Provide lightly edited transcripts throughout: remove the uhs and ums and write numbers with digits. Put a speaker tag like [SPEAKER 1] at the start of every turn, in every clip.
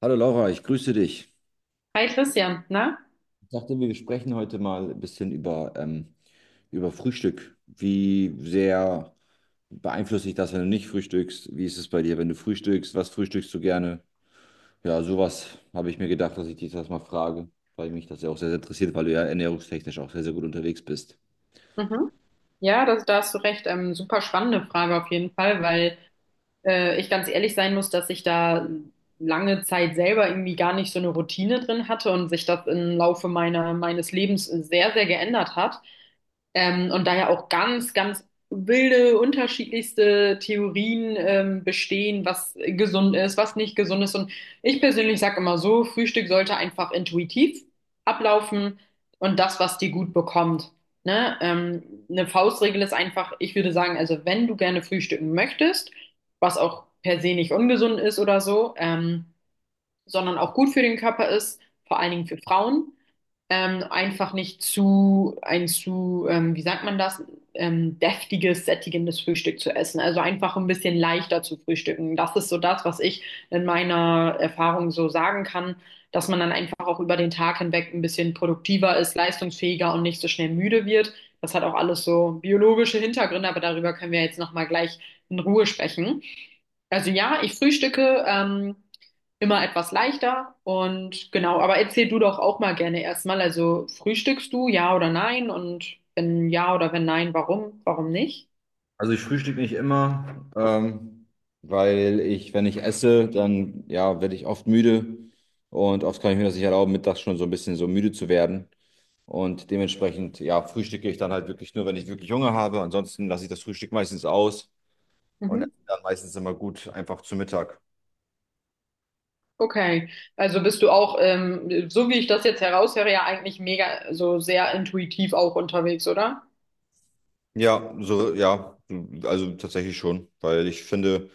[SPEAKER 1] Hallo Laura, ich grüße dich.
[SPEAKER 2] Hi Christian, na?
[SPEAKER 1] Ich dachte, wir sprechen heute mal ein bisschen über über Frühstück. Wie sehr beeinflusst dich das, wenn du nicht frühstückst? Wie ist es bei dir, wenn du frühstückst? Was frühstückst du gerne? Ja, sowas habe ich mir gedacht, dass ich dich das mal frage, weil mich das ja auch sehr, sehr interessiert, weil du ja ernährungstechnisch auch sehr, sehr gut unterwegs bist.
[SPEAKER 2] Mhm. Ja, da hast du recht. Super spannende Frage auf jeden Fall, weil ich ganz ehrlich sein muss, dass ich da lange Zeit selber irgendwie gar nicht so eine Routine drin hatte und sich das im Laufe meines Lebens sehr, sehr geändert hat. Und da ja auch ganz, ganz wilde, unterschiedlichste Theorien bestehen, was gesund ist, was nicht gesund ist. Und ich persönlich sage immer so, Frühstück sollte einfach intuitiv ablaufen und das, was dir gut bekommt. Ne? Eine Faustregel ist einfach, ich würde sagen, also wenn du gerne frühstücken möchtest, was auch per se nicht ungesund ist oder so, sondern auch gut für den Körper ist, vor allen Dingen für Frauen einfach nicht zu, ein zu, wie sagt man das, deftiges, sättigendes Frühstück zu essen. Also einfach ein bisschen leichter zu frühstücken. Das ist so das, was ich in meiner Erfahrung so sagen kann, dass man dann einfach auch über den Tag hinweg ein bisschen produktiver ist, leistungsfähiger und nicht so schnell müde wird. Das hat auch alles so biologische Hintergründe, aber darüber können wir jetzt nochmal gleich in Ruhe sprechen. Also ja, ich frühstücke. Immer etwas leichter. Und genau, aber erzähl du doch auch mal gerne erstmal. Also frühstückst du, ja oder nein? Und wenn ja oder wenn nein, warum? Warum nicht?
[SPEAKER 1] Also ich frühstücke nicht immer, weil ich, wenn ich esse, dann ja, werde ich oft müde und oft kann ich mir das nicht erlauben, mittags schon so ein bisschen so müde zu werden. Und dementsprechend, ja, frühstücke ich dann halt wirklich nur, wenn ich wirklich Hunger habe. Ansonsten lasse ich das Frühstück meistens aus und
[SPEAKER 2] Mhm.
[SPEAKER 1] esse dann meistens immer gut einfach zu Mittag.
[SPEAKER 2] Okay, also bist du auch, so wie ich das jetzt heraushöre, ja eigentlich mega, so sehr intuitiv auch unterwegs, oder?
[SPEAKER 1] Ja, so, ja, also tatsächlich schon, weil ich finde,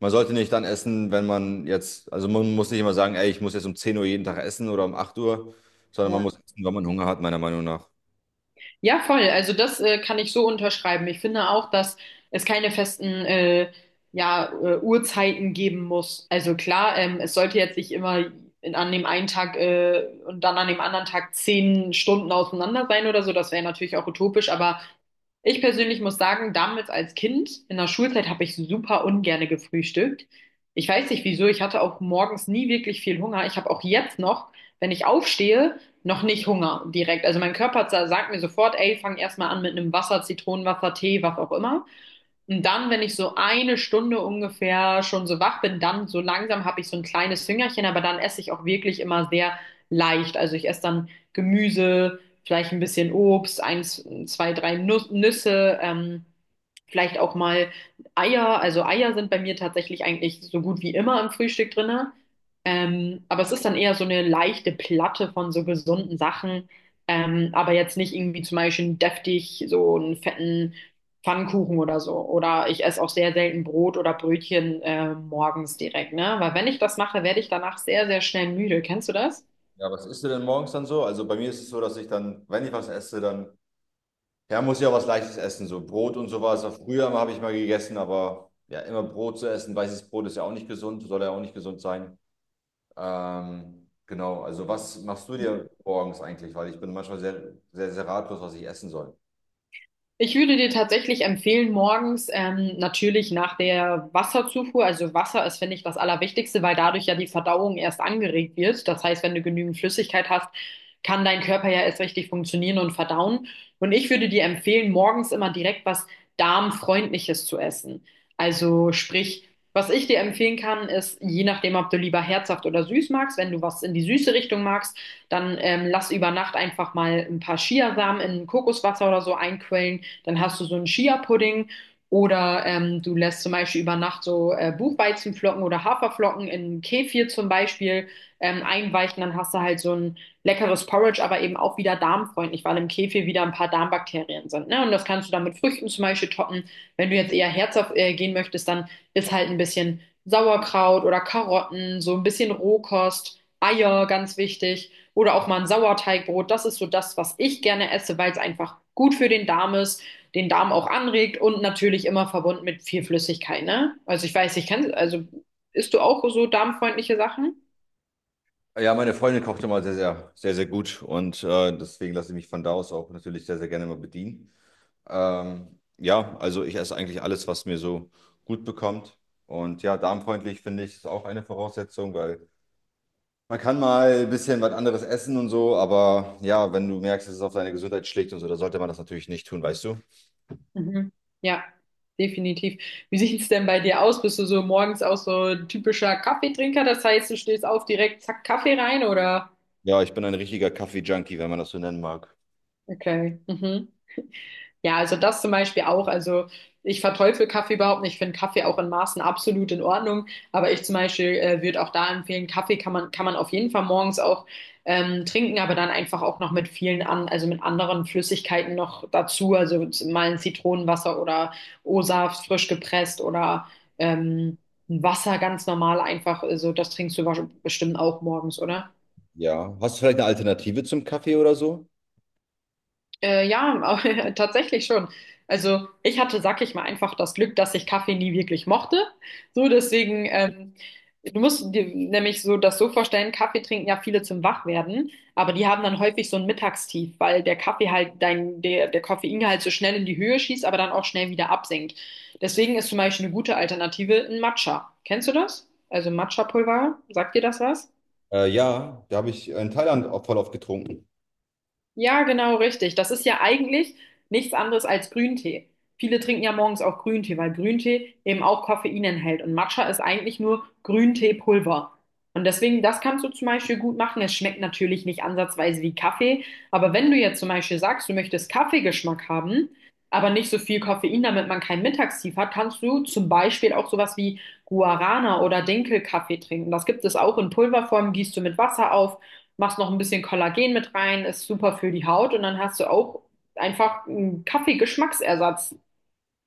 [SPEAKER 1] man sollte nicht dann essen, wenn man jetzt, also man muss nicht immer sagen, ey, ich muss jetzt um 10 Uhr jeden Tag essen oder um 8 Uhr, sondern man
[SPEAKER 2] Ja.
[SPEAKER 1] muss essen, wenn man Hunger hat, meiner Meinung nach.
[SPEAKER 2] Ja, voll. Also das kann ich so unterschreiben. Ich finde auch, dass es keine festen ja, Uhrzeiten geben muss. Also klar, es sollte jetzt nicht immer an dem einen Tag und dann an dem anderen Tag 10 Stunden auseinander sein oder so. Das wäre natürlich auch utopisch. Aber ich persönlich muss sagen, damals als Kind in der Schulzeit habe ich super ungerne gefrühstückt. Ich weiß nicht wieso. Ich hatte auch morgens nie wirklich viel Hunger. Ich habe auch jetzt noch, wenn ich aufstehe, noch nicht Hunger direkt. Also mein Körper sagt mir sofort, ey, fang erstmal an mit einem Wasser, Zitronenwasser, Tee, was auch immer. Und dann, wenn ich so eine Stunde ungefähr schon so wach bin, dann so langsam habe ich so ein kleines Hüngerchen, aber dann esse ich auch wirklich immer sehr leicht. Also ich esse dann Gemüse, vielleicht ein bisschen Obst, eins, zwei, drei Nüsse, vielleicht auch mal Eier. Also Eier sind bei mir tatsächlich eigentlich so gut wie immer im Frühstück drinne. Aber es ist dann eher so eine leichte Platte von so gesunden Sachen. Aber jetzt nicht irgendwie zum Beispiel deftig so einen fetten Pfannkuchen oder so. Oder ich esse auch sehr selten Brot oder Brötchen morgens direkt, ne? Weil wenn ich das mache, werde ich danach sehr, sehr schnell müde. Kennst du das?
[SPEAKER 1] Ja, was isst du denn morgens dann so? Also bei mir ist es so, dass ich dann, wenn ich was esse, dann ja, muss ja was Leichtes essen, so Brot und sowas. Früher habe ich mal gegessen, aber ja, immer Brot zu essen. Weißes Brot ist ja auch nicht gesund, soll ja auch nicht gesund sein. Genau, also was machst du dir morgens eigentlich? Weil ich bin manchmal sehr, sehr, sehr ratlos, was ich essen soll.
[SPEAKER 2] Ich würde dir tatsächlich empfehlen, morgens natürlich nach der Wasserzufuhr, also Wasser ist, finde ich, das Allerwichtigste, weil dadurch ja die Verdauung erst angeregt wird. Das heißt, wenn du genügend Flüssigkeit hast, kann dein Körper ja erst richtig funktionieren und verdauen. Und ich würde dir empfehlen, morgens immer direkt was Darmfreundliches zu essen. Also sprich, was ich dir empfehlen kann, ist, je nachdem, ob du lieber herzhaft oder süß magst, wenn du was in die süße Richtung magst, dann lass über Nacht einfach mal ein paar Chiasamen in Kokoswasser oder so einquellen. Dann hast du so einen Chia-Pudding oder du lässt zum Beispiel über Nacht so Buchweizenflocken oder Haferflocken in Kefir zum Beispiel einweichen, dann hast du halt so ein leckeres Porridge, aber eben auch wieder darmfreundlich, weil im Kefir wieder ein paar Darmbakterien sind. Ne? Und das kannst du dann mit Früchten zum Beispiel toppen. Wenn du jetzt eher herzhaft gehen möchtest, dann ist halt ein bisschen Sauerkraut oder Karotten, so ein bisschen Rohkost, Eier, ganz wichtig. Oder auch mal ein Sauerteigbrot. Das ist so das, was ich gerne esse, weil es einfach gut für den Darm ist, den Darm auch anregt und natürlich immer verbunden mit viel Flüssigkeit, ne? Also ich weiß, ich kann, also isst du auch so darmfreundliche Sachen?
[SPEAKER 1] Ja, meine Freundin kocht immer sehr, sehr, sehr, sehr gut und deswegen lasse ich mich von da aus auch natürlich sehr, sehr gerne mal bedienen. Ja, also ich esse eigentlich alles, was mir so gut bekommt. Und ja, darmfreundlich finde ich, ist auch eine Voraussetzung, weil man kann mal ein bisschen was anderes essen und so, aber ja, wenn du merkst, dass es auf deine Gesundheit schlägt und so, dann sollte man das natürlich nicht tun, weißt du?
[SPEAKER 2] Mhm. Ja, definitiv. Wie sieht es denn bei dir aus? Bist du so morgens auch so ein typischer Kaffeetrinker? Das heißt, du stehst auf direkt, zack, Kaffee rein oder?
[SPEAKER 1] Ja, ich bin ein richtiger Kaffee-Junkie, wenn man das so nennen mag.
[SPEAKER 2] Okay. Mhm. Ja, also das zum Beispiel auch. Also ich verteufel Kaffee überhaupt nicht. Ich finde Kaffee auch in Maßen absolut in Ordnung. Aber ich zum Beispiel würde auch da empfehlen, Kaffee kann man auf jeden Fall morgens auch trinken, aber dann einfach auch noch mit vielen an, also mit anderen Flüssigkeiten noch dazu. Also mal ein Zitronenwasser oder O-Saft frisch gepresst oder ähm, ein Wasser ganz normal einfach. Also das trinkst du bestimmt auch morgens, oder?
[SPEAKER 1] Ja. Hast du vielleicht eine Alternative zum Kaffee oder so?
[SPEAKER 2] Ja, tatsächlich schon. Also ich hatte, sag ich mal, einfach das Glück, dass ich Kaffee nie wirklich mochte. So, deswegen, du musst dir nämlich so das so vorstellen, Kaffee trinken ja viele zum Wachwerden, aber die haben dann häufig so ein Mittagstief, weil der Kaffee halt der Koffeingehalt so schnell in die Höhe schießt, aber dann auch schnell wieder absinkt. Deswegen ist zum Beispiel eine gute Alternative ein Matcha. Kennst du das? Also Matcha-Pulver, sagt dir das was?
[SPEAKER 1] Ja, da habe ich in Thailand auch voll oft getrunken.
[SPEAKER 2] Ja, genau, richtig. Das ist ja eigentlich nichts anderes als Grüntee. Viele trinken ja morgens auch Grüntee, weil Grüntee eben auch Koffein enthält. Und Matcha ist eigentlich nur Grünteepulver. Und deswegen, das kannst du zum Beispiel gut machen. Es schmeckt natürlich nicht ansatzweise wie Kaffee. Aber wenn du jetzt zum Beispiel sagst, du möchtest Kaffeegeschmack haben, aber nicht so viel Koffein, damit man keinen Mittagstief hat, kannst du zum Beispiel auch sowas wie Guarana oder Dinkelkaffee trinken. Das gibt es auch in Pulverform, gießt du mit Wasser auf, machst noch ein bisschen Kollagen mit rein, ist super für die Haut und dann hast du auch einfach einen Kaffeegeschmacksersatz.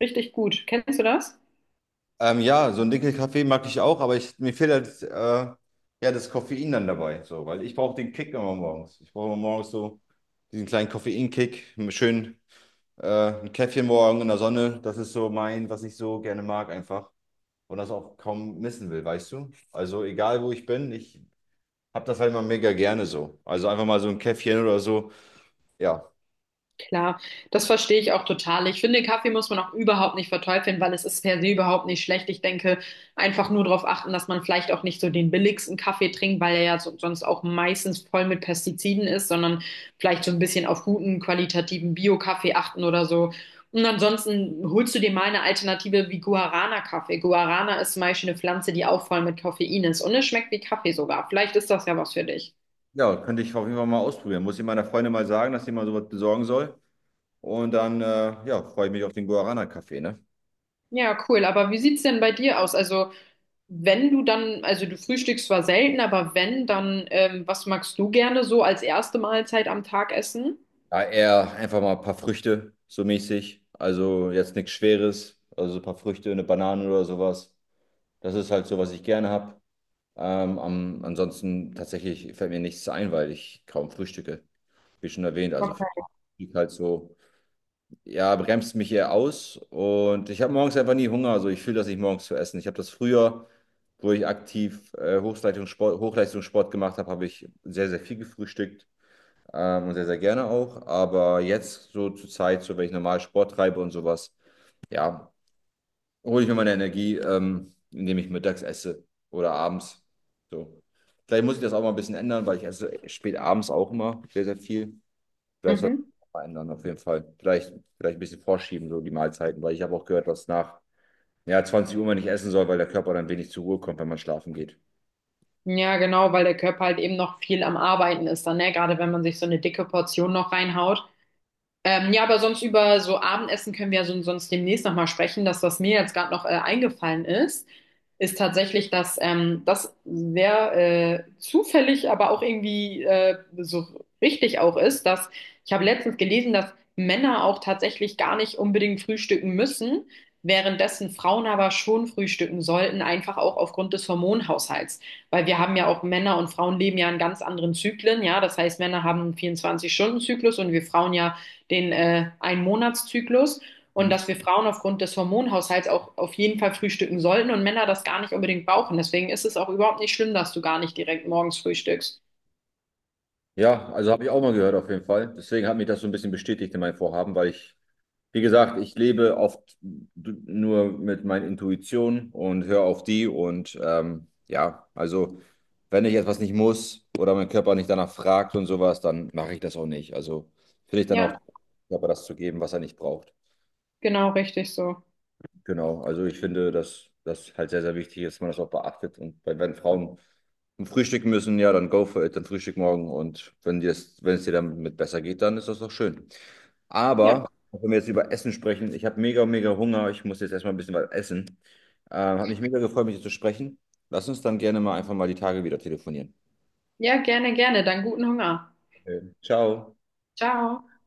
[SPEAKER 2] Richtig gut. Kennst du das?
[SPEAKER 1] Ja, so einen Dinkelkaffee mag ich auch, aber ich, mir fehlt halt ja, das Koffein dann dabei, so, weil ich brauche den Kick immer morgens. Ich brauche immer morgens so diesen kleinen Koffeinkick, schön. Ein Käffchen morgen in der Sonne, das ist so mein, was ich so gerne mag einfach und das auch kaum missen will, weißt du? Also egal, wo ich bin, ich habe das halt immer mega gerne so. Also einfach mal so ein Käffchen oder so. Ja,
[SPEAKER 2] Klar, das verstehe ich auch total. Ich finde, Kaffee muss man auch überhaupt nicht verteufeln, weil es ist per se überhaupt nicht schlecht. Ich denke, einfach nur darauf achten, dass man vielleicht auch nicht so den billigsten Kaffee trinkt, weil er ja so, sonst auch meistens voll mit Pestiziden ist, sondern vielleicht so ein bisschen auf guten, qualitativen Bio-Kaffee achten oder so. Und ansonsten holst du dir mal eine Alternative wie Guarana-Kaffee. Guarana ist zum Beispiel eine Pflanze, die auch voll mit Koffein ist und es schmeckt wie Kaffee sogar. Vielleicht ist das ja was für dich.
[SPEAKER 1] ja, könnte ich auf jeden Fall mal ausprobieren. Muss ich meiner Freundin mal sagen, dass sie mal sowas besorgen soll. Und dann, ja, freue ich mich auf den Guarana-Kaffee, ne?
[SPEAKER 2] Ja, cool. Aber wie sieht's denn bei dir aus? Also wenn du dann, also du frühstückst zwar selten, aber wenn, dann was magst du gerne so als erste Mahlzeit am Tag essen?
[SPEAKER 1] Ja, eher einfach mal ein paar Früchte, so mäßig. Also jetzt nichts Schweres, also so ein paar Früchte, eine Banane oder sowas. Das ist halt so, was ich gerne habe. Ansonsten tatsächlich fällt mir nichts ein, weil ich kaum frühstücke, wie schon erwähnt. Also
[SPEAKER 2] Okay.
[SPEAKER 1] Frühstück halt so, ja, bremst mich eher aus und ich habe morgens einfach nie Hunger. Also ich fühle das nicht morgens zu essen. Ich habe das früher, wo ich aktiv Hochleistungssport gemacht habe, habe ich sehr, sehr viel gefrühstückt und sehr, sehr gerne auch. Aber jetzt so zur Zeit, so wenn ich normal Sport treibe und sowas, ja, hole ich mir meine Energie, indem ich mittags esse oder abends. So. Vielleicht muss ich das auch mal ein bisschen ändern, weil ich esse spät abends auch immer sehr, sehr viel. Vielleicht sollte
[SPEAKER 2] Mhm.
[SPEAKER 1] ich das mal ändern, auf jeden Fall. Vielleicht ein bisschen vorschieben, so die Mahlzeiten, weil ich habe auch gehört, was nach ja, 20 Uhr man nicht essen soll, weil der Körper dann wenig zur Ruhe kommt, wenn man schlafen geht.
[SPEAKER 2] Ja, genau, weil der Körper halt eben noch viel am Arbeiten ist dann, ne? Gerade wenn man sich so eine dicke Portion noch reinhaut. Ja, aber sonst über so Abendessen können wir ja so, sonst demnächst nochmal sprechen. Das, was mir jetzt gerade noch eingefallen ist, ist tatsächlich, dass das sehr zufällig, aber auch irgendwie so richtig auch ist, dass ich habe letztens gelesen, dass Männer auch tatsächlich gar nicht unbedingt frühstücken müssen, währenddessen Frauen aber schon frühstücken sollten, einfach auch aufgrund des Hormonhaushalts. Weil wir haben ja auch Männer und Frauen leben ja in ganz anderen Zyklen, ja. Das heißt, Männer haben einen 24-Stunden-Zyklus und wir Frauen ja den Einmonatszyklus und
[SPEAKER 1] Mhm.
[SPEAKER 2] dass wir Frauen aufgrund des Hormonhaushalts auch auf jeden Fall frühstücken sollten und Männer das gar nicht unbedingt brauchen. Deswegen ist es auch überhaupt nicht schlimm, dass du gar nicht direkt morgens frühstückst.
[SPEAKER 1] Ja, also habe ich auch mal gehört, auf jeden Fall. Deswegen hat mich das so ein bisschen bestätigt in meinem Vorhaben, weil ich, wie gesagt, ich lebe oft nur mit meinen Intuitionen und höre auf die. Und ja, also wenn ich etwas nicht muss oder mein Körper nicht danach fragt und sowas, dann mache ich das auch nicht. Also finde ich dann auch,
[SPEAKER 2] Ja,
[SPEAKER 1] dem Körper das zu geben, was er nicht braucht.
[SPEAKER 2] genau, richtig so.
[SPEAKER 1] Genau, also ich finde, dass das halt sehr, sehr wichtig ist, dass man das auch beachtet. Und bei- wenn Frauen frühstücken müssen, ja, dann go for it, dann frühstück morgen. Und wenn dir das, wenn es dir damit besser geht, dann ist das doch schön.
[SPEAKER 2] Ja,
[SPEAKER 1] Aber, wenn wir jetzt über Essen sprechen, ich habe mega, mega Hunger. Ich muss jetzt erstmal ein bisschen was essen. Hat mich mega gefreut, mit dir zu sprechen. Lass uns dann gerne mal einfach mal die Tage wieder telefonieren.
[SPEAKER 2] ja, gerne, gerne. Dann guten Hunger.
[SPEAKER 1] Okay. Ciao.
[SPEAKER 2] Ciao.